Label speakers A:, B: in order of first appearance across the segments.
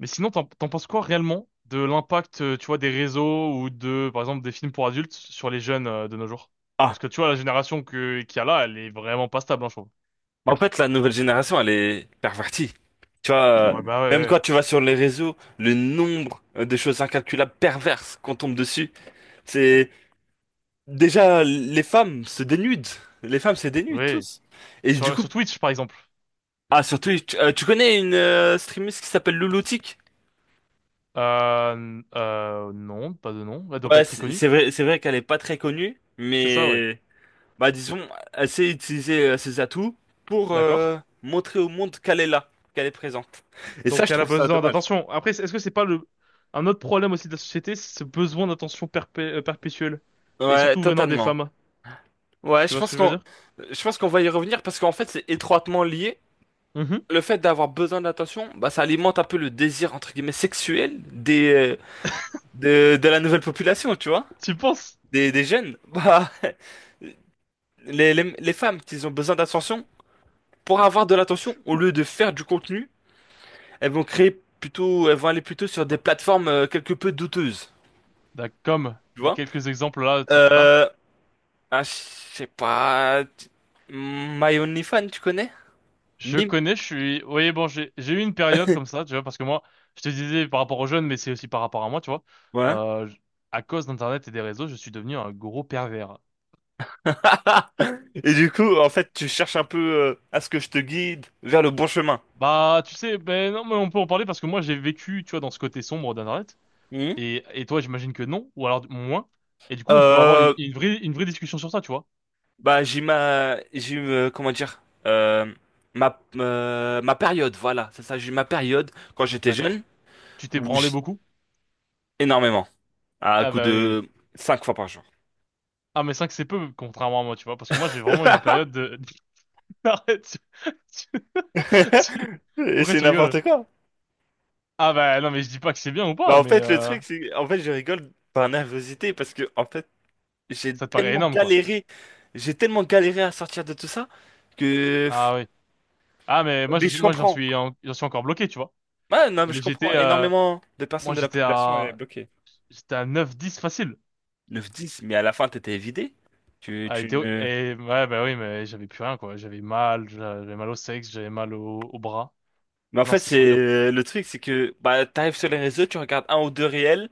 A: Mais sinon, t'en penses quoi réellement de l'impact, tu vois, des réseaux ou de, par exemple, des films pour adultes sur les jeunes de nos jours? Parce
B: Ah,
A: que tu vois, la génération que qu'il y a là, elle est vraiment pas stable, hein, je trouve.
B: en fait, la nouvelle génération, elle est pervertie. Tu vois,
A: Ouais, bah
B: Même
A: ouais,
B: quand tu vas sur les réseaux, le nombre de choses incalculables perverses qu'on tombe dessus, c'est déjà les femmes se dénudent. Les femmes se dénudent
A: ouais. Oui.
B: tous. Et du
A: Sur,
B: coup,
A: sur Twitch, par exemple.
B: ah surtout, tu connais une streameuse qui s'appelle Louloutique?
A: Non, pas de nom. Elle doit pas
B: Ouais,
A: être très
B: c'est
A: connue.
B: c'est vrai, c'est vrai qu'elle est pas très connue,
A: C'est ça, ouais.
B: mais bah disons, elle sait utiliser ses atouts pour
A: D'accord.
B: montrer au monde qu'elle est là, qu'elle est présente. Et ça,
A: Donc
B: je
A: elle a
B: trouve ça
A: besoin
B: dommage.
A: d'attention. Après, est-ce que c'est pas le un autre problème aussi de la société, c'est ce besoin d'attention perpétuelle et
B: Ouais,
A: surtout venant des
B: totalement.
A: femmes.
B: Ouais,
A: Tu vois ce que je veux dire?
B: je pense qu'on va y revenir parce qu'en fait, c'est étroitement lié.
A: Mhm.
B: Le fait d'avoir besoin d'attention, bah ça alimente un peu le désir entre guillemets sexuel des de la nouvelle population, tu vois,
A: Tu penses?
B: des jeunes. Bah les femmes qui ont besoin d'attention pour avoir de l'attention au lieu de faire du contenu, elles vont créer elles vont aller plutôt sur des plateformes quelque peu douteuses,
A: Comme
B: tu vois.
A: quelques exemples là, tu sais que t'as.
B: Euh je sais pas My OnlyFans, tu connais?
A: Je
B: Mime.
A: connais, je suis. Oui, bon, j'ai eu une période comme ça, tu vois, parce que moi, je te disais par rapport aux jeunes, mais c'est aussi par rapport à moi, tu vois.
B: Ouais.
A: Euh, j- à cause d'Internet et des réseaux, je suis devenu un gros pervers.
B: Et du coup, en fait, tu cherches un peu à ce que je te guide vers le bon chemin.
A: Bah, tu sais, ben non, mais on peut en parler parce que moi, j'ai vécu, tu vois, dans ce côté sombre d'Internet.
B: Mhm.
A: Et toi, j'imagine que non, ou alors moins. Et du coup, on peut avoir une,
B: Euh,
A: une vraie, une vraie discussion sur ça, tu vois.
B: Bah, j'ai comment dire, ma période, voilà, c'est ça, j'ai eu ma période quand j'étais jeune
A: D'accord? Tu t'es
B: où
A: branlé
B: j'ai
A: beaucoup?
B: énormément, à
A: Ah,
B: coup
A: bah oui, oui.
B: de 5 fois par jour.
A: Ah, mais 5, c'est peu, contrairement à moi, tu vois, parce que moi, j'ai vraiment eu ma période. Arrête, tu- tu-
B: Et
A: Pourquoi
B: c'est
A: tu rigoles?
B: n'importe quoi.
A: Ah bah non mais je dis pas que c'est bien ou
B: Bah,
A: pas,
B: en
A: mais
B: fait, le truc, c'est, en fait, je rigole par nervosité parce que, en fait, j'ai
A: ça te paraît
B: tellement
A: énorme quoi.
B: galéré, j'ai tellement galéré à sortir de tout ça que.
A: Ah oui. Ah mais moi
B: Mais
A: je,
B: je
A: moi
B: comprends.
A: j'en suis encore bloqué tu vois.
B: Ouais, non, mais je
A: Mais
B: comprends.
A: j'étais
B: Énormément de
A: Moi
B: personnes de la
A: j'étais
B: population est
A: à
B: bloquée.
A: j'étais à 9-10 facile.
B: 9-10, mais à la fin, t'étais vidé. Tu,
A: Ah,
B: tu ne.
A: Et ouais bah oui mais j'avais plus rien quoi. J'avais mal au sexe, j'avais mal au bras.
B: Mais en
A: Non,
B: fait,
A: c'était trop dur.
B: c'est le truc, c'est que bah, t'arrives sur les réseaux, tu regardes un ou deux réels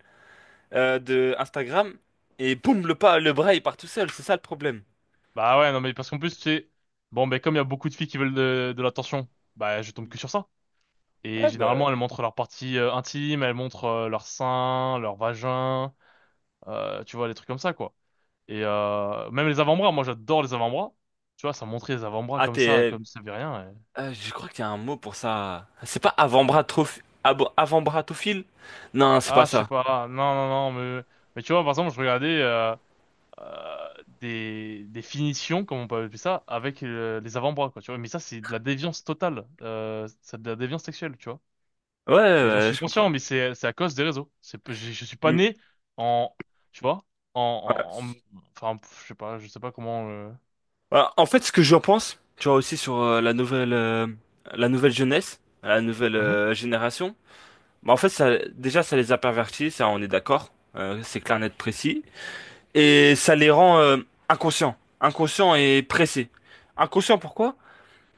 B: de Instagram, et boum, le pas, le bras, il part tout seul. C'est ça le problème.
A: Bah ouais non mais parce qu'en plus tu sais bon ben comme il y a beaucoup de filles qui veulent de l'attention, bah je tombe que sur ça. Et
B: Ouais, bah.
A: généralement, elles montrent leurs parties intimes, elles montrent leurs seins, leurs vagins, tu vois, les trucs comme ça, quoi. Et même les avant-bras, moi j'adore les avant-bras. Tu vois, ça montrait les avant-bras
B: Ah, t'es.
A: comme ça veut rien.
B: Je crois qu'il y a un mot pour ça. C'est pas avant-bras trop. Avant-bras. Non, c'est pas
A: Ah, je sais
B: ça.
A: pas, ah, non, non, non, mais, tu vois, par exemple, je regardais des finitions, comme on peut appeler ça, avec les avant-bras, quoi, tu vois. Mais ça, c'est de la déviance totale, c'est de la déviance sexuelle, tu vois.
B: Ouais, ouais,
A: Et j'en
B: ouais,
A: suis
B: je
A: conscient,
B: comprends.
A: mais c'est à cause des réseaux. Je suis pas
B: Mm.
A: né en, tu vois, en, en,
B: Ouais.
A: en- enfin, je sais pas comment.
B: Bah, en fait, ce que j'en pense, tu vois aussi sur la nouvelle jeunesse, la nouvelle
A: Mhm.
B: génération. Bah, en fait, ça, déjà, ça les a pervertis, ça, on est d'accord. C'est clair,
A: Ouais,
B: net, précis. Et ça les rend inconscients, inconscients et pressés. Inconscients, pourquoi?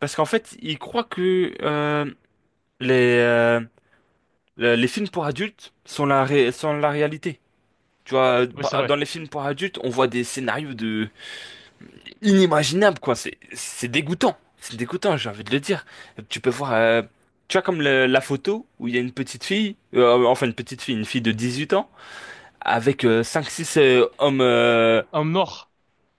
B: Parce qu'en fait, ils croient que les, euh, les films pour adultes sont la réalité. Tu vois,
A: oui, c'est vrai.
B: dans les films pour adultes, on voit des scénarios de inimaginable, quoi. C'est dégoûtant. C'est dégoûtant, j'ai envie de le dire. Tu peux voir, tu vois, comme la photo où il y a une petite fille, enfin une petite fille, une fille de 18 ans, avec cinq six hommes,
A: Homme noir.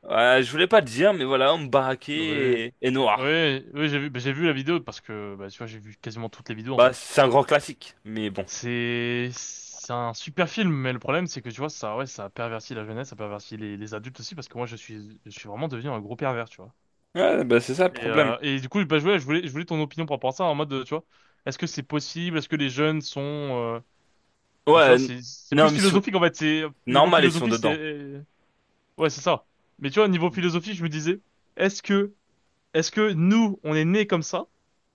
B: je voulais pas le dire, mais voilà, hommes
A: Non, bah, oui,
B: baraqués et noirs.
A: oui, oui, j'ai vu, bah, j'ai vu la vidéo parce que, bah, tu vois, j'ai vu quasiment toutes les vidéos en
B: Bah,
A: fait.
B: c'est un grand classique, mais bon.
A: C'est un super film, mais le problème c'est que tu vois, ça, ouais, ça a perverti la jeunesse, ça a perverti les adultes aussi parce que moi, je suis vraiment devenu un gros pervers, tu vois.
B: Ouais, bah, c'est ça le
A: Et,
B: problème.
A: euh, et du coup, bah, je voulais ton opinion par rapport à ça, en mode, tu vois, est-ce que c'est possible? Est-ce que les jeunes sont... Enfin, tu
B: Ouais,
A: vois, c'est
B: non,
A: plus
B: mais
A: philosophique, en fait. Niveau
B: normal, ils sont
A: philosophie,
B: dedans.
A: c'est... Ouais, c'est ça. Mais tu vois, niveau philosophie, je me disais, est-ce que, est-ce que nous, on est nés comme ça,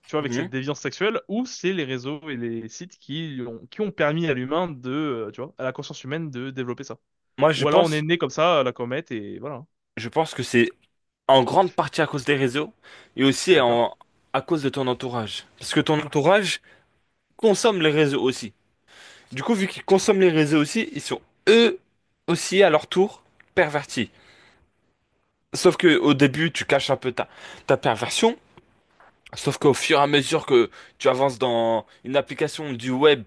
A: tu vois, avec cette
B: Mhm.
A: déviance sexuelle, ou c'est les réseaux et les sites qui ont permis à l'humain de, tu vois, à la conscience humaine de développer ça?
B: Moi,
A: Ou alors on est né comme ça, à la comète, et voilà.
B: je pense que c'est en grande partie à cause des réseaux et aussi
A: D'accord.
B: à cause de ton entourage. Parce que ton entourage consomme les réseaux aussi. Du coup, vu qu'ils consomment les réseaux aussi, ils sont eux aussi à leur tour pervertis. Sauf que au début, tu caches un peu ta perversion. Sauf qu'au fur et à mesure que tu avances dans une application du web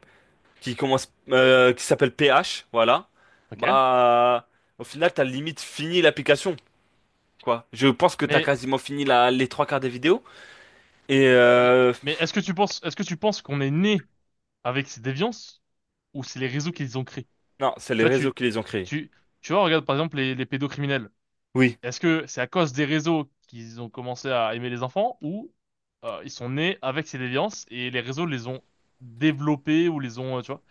B: qui commence, qui s'appelle PH, voilà,
A: Ok.
B: bah, au final, t'as limite fini l'application, quoi. Je pense que t'as
A: Mais,
B: quasiment fini les trois quarts des vidéos. Et
A: mais,
B: euh,
A: mais est-ce que tu penses, qu'on est né avec ces déviances ou c'est les réseaux qu'ils ont créés?
B: Non, c'est
A: Tu
B: les
A: vois,
B: réseaux
A: tu,
B: qui les ont créés.
A: tu, tu vois, regarde par exemple les pédocriminels.
B: Oui,
A: Est-ce que c'est à cause des réseaux qu'ils ont commencé à aimer les enfants ou ils sont nés avec ces déviances et les réseaux les ont développés ou les ont, tu vois,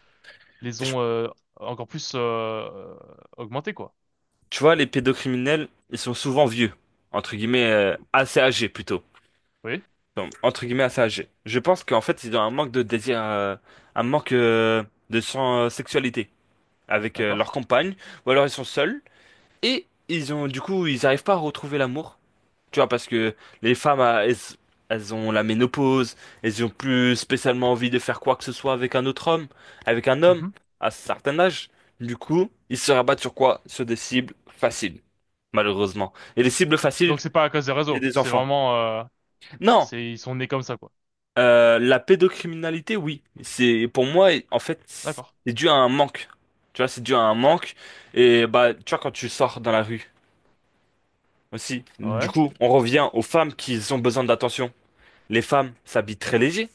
A: les
B: Je-
A: ont encore plus euh, augmentés, quoi.
B: tu vois, les pédocriminels, ils sont souvent vieux, entre guillemets, assez âgés plutôt.
A: Oui,
B: Donc, entre guillemets, assez âgés. Je pense qu'en fait, ils ont un manque de désir, un manque de sexualité avec leur
A: d'accord.
B: compagne, ou alors ils sont seuls, et ils ont, du coup, ils n'arrivent pas à retrouver l'amour. Tu vois, parce que les femmes, ah, elles ont la ménopause, elles ont plus spécialement envie de faire quoi que ce soit avec un autre homme, avec un homme,
A: Mhm.
B: à un certain âge. Du coup, ils se rabattent sur quoi? Sur des cibles faciles, malheureusement. Et les cibles faciles,
A: Donc c'est pas à cause des
B: c'est
A: réseaux,
B: des
A: c'est
B: enfants.
A: vraiment,
B: Non,
A: ils sont nés comme ça, quoi.
B: la pédocriminalité, oui. C'est, pour moi, en fait,
A: D'accord.
B: c'est dû à un manque. Tu vois, c'est dû à un manque. Et bah, tu vois, quand tu sors dans la rue aussi. Du
A: Ouais.
B: coup, on revient aux femmes qui ont besoin d'attention. Les femmes s'habillent très léger.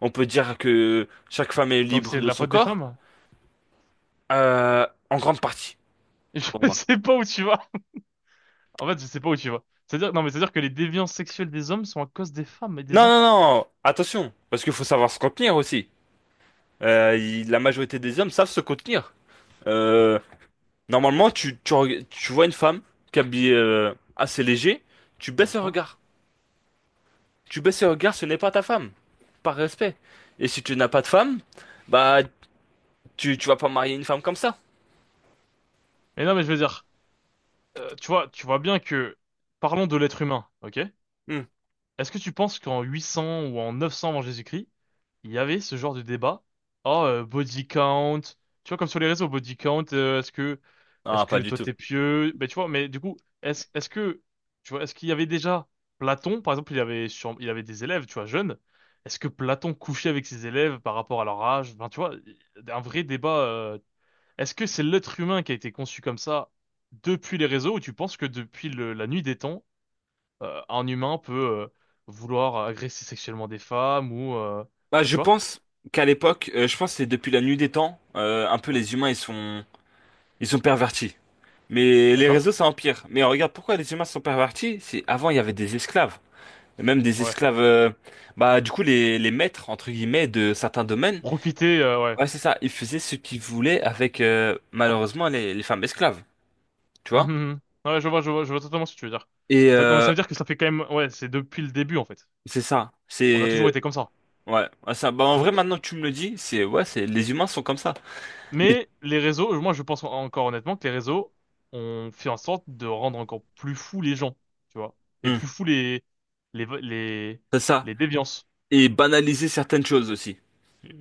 B: On peut dire que chaque femme est
A: Donc
B: libre
A: c'est de
B: de
A: la
B: son
A: faute des
B: corps,
A: femmes?
B: en grande partie, pour
A: Je
B: moi.
A: sais pas où tu vas. En fait, je sais pas où tu vas. C'est-à-dire, non, mais c'est-à-dire que les déviances sexuelles des hommes sont à cause des femmes et
B: Non,
A: des
B: non,
A: enfants.
B: non, attention, parce qu'il faut savoir se contenir aussi. La majorité des hommes savent se contenir. Euh, Normalement, tu vois une femme qui est habillée assez léger, tu baisses le
A: D'accord.
B: regard. Tu baisses le regard, ce n'est pas ta femme, par respect. Et si tu n'as pas de femme, bah, tu vas pas marier une femme comme ça.
A: Mais non, mais je veux dire, tu vois bien que, parlons de l'être humain, ok?
B: Hmm.
A: Est-ce que tu penses qu'en 800 ou en 900 avant Jésus-Christ, il y avait ce genre de débat? Oh, body count. Tu vois, comme sur les réseaux, body count, est-ce
B: Non, pas
A: que
B: du
A: toi
B: tout.
A: t'es pieux? Ben, tu vois, mais du coup, est-ce que, tu vois, est-ce qu'il y avait déjà Platon, par exemple, il avait des élèves, tu vois, jeunes. Est-ce que Platon couchait avec ses élèves par rapport à leur âge? Enfin, tu vois, un vrai débat. Est-ce que c'est l'être humain qui a été conçu comme ça depuis les réseaux ou tu penses que depuis la nuit des temps, un humain peut euh, vouloir agresser sexuellement des femmes ou
B: Bah,
A: enfin,
B: je
A: tu vois?
B: pense qu'à l'époque, je pense que c'est depuis la nuit des temps, un peu les humains ils sont pervertis. Mais les
A: D'accord?
B: réseaux ça empire. Mais regarde pourquoi les humains sont pervertis, c'est avant il y avait des esclaves. Et même des
A: Ouais.
B: esclaves bah du coup les maîtres entre guillemets de certains domaines.
A: Profiter, ouais.
B: Ouais, c'est ça, ils faisaient ce qu'ils voulaient avec malheureusement les femmes esclaves, tu
A: Mhm,
B: vois?
A: mhm. Ouais, je vois totalement ce que tu veux dire.
B: Et
A: Ça, donc ça
B: euh,
A: veut dire que ça fait quand même, ouais, c'est depuis le début en fait.
B: c'est ça,
A: On a toujours
B: c'est
A: été comme ça.
B: ouais. Ouais, ça, bah, en vrai
A: Donc,
B: maintenant que tu me le dis, c'est ouais, c'est les humains sont comme ça. Mais
A: mais les réseaux, moi je pense encore honnêtement que les réseaux ont fait en sorte de rendre encore plus fous les gens, tu vois, et
B: hum,
A: plus fous les les
B: c'est ça.
A: les déviances.
B: Et banaliser certaines choses aussi,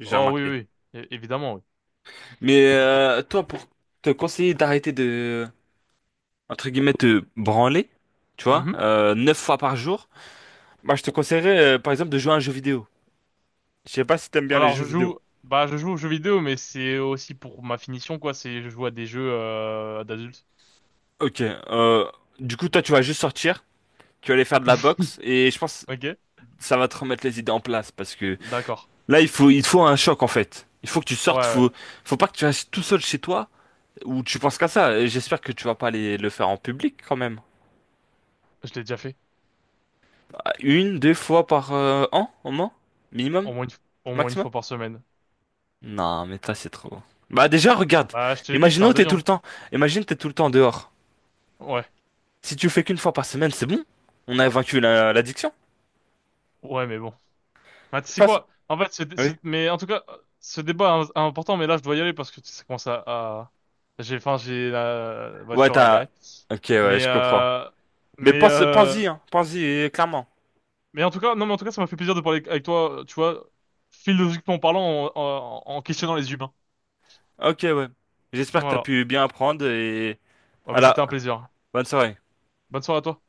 B: j'ai
A: Oh oui,
B: remarqué.
A: oui, oui. Évidemment, oui.
B: Mais toi, pour te conseiller d'arrêter de, entre guillemets, te branler, tu
A: Mmh,
B: vois,
A: mmh.
B: 9 fois par jour, bah, je te conseillerais, par exemple, de jouer à un jeu vidéo. Je sais pas si t'aimes bien les
A: Alors
B: jeux
A: je
B: vidéo.
A: joue, bah je joue aux jeux vidéo, mais c'est aussi pour ma finition quoi. C'est je joue à des jeux d'adultes.
B: Ok, du coup, toi, tu vas juste sortir, tu vas aller faire de la boxe, et je pense que
A: Ok,
B: ça va te remettre les idées en place, parce que
A: d'accord.
B: là, il te faut un choc, en fait. Il faut que tu
A: Ouais,
B: sortes,
A: ouais.
B: faut pas que tu restes tout seul chez toi, où tu penses qu'à ça. Et j'espère que tu vas pas aller le faire en public, quand même.
A: Je l'ai déjà fait.
B: Ah, une, deux fois par an, au moins? Minimum?
A: Au moins une, f- Au moins une
B: Maximum?
A: fois par semaine.
B: Non, mais ça, c'est trop. Bah, déjà, regarde.
A: Bah je te l'ai dit, j'étais
B: Imaginons
A: un
B: que t'es tout le
A: déviant.
B: temps. Imagine que t'es tout le temps dehors.
A: Ouais,
B: Si tu fais qu'une fois par semaine, c'est bon. On a vaincu l'addiction.
A: ouais, mais bon. Bah tu sais
B: Face.
A: quoi? En fait,
B: Oui.
A: mais en tout cas, ce débat est important, mais là je dois y aller parce que ça commence à. Enfin j'ai la
B: Ouais,
A: voiture à
B: t'as.
A: garer.
B: Ok, ouais,
A: Mais
B: je comprends.
A: euh,
B: Mais
A: mais euh,
B: pense-y, hein. Pense-y, clairement.
A: Mais en tout cas, non, mais en tout cas, ça m'a fait plaisir de parler avec toi, tu vois, philosophiquement parlant, en questionnant les humains.
B: Ok, ouais. J'espère que t'as
A: Voilà.
B: pu bien apprendre et.
A: Ah bah,
B: Voilà.
A: c'était un plaisir.
B: Bonne soirée.
A: Bonne soirée à toi.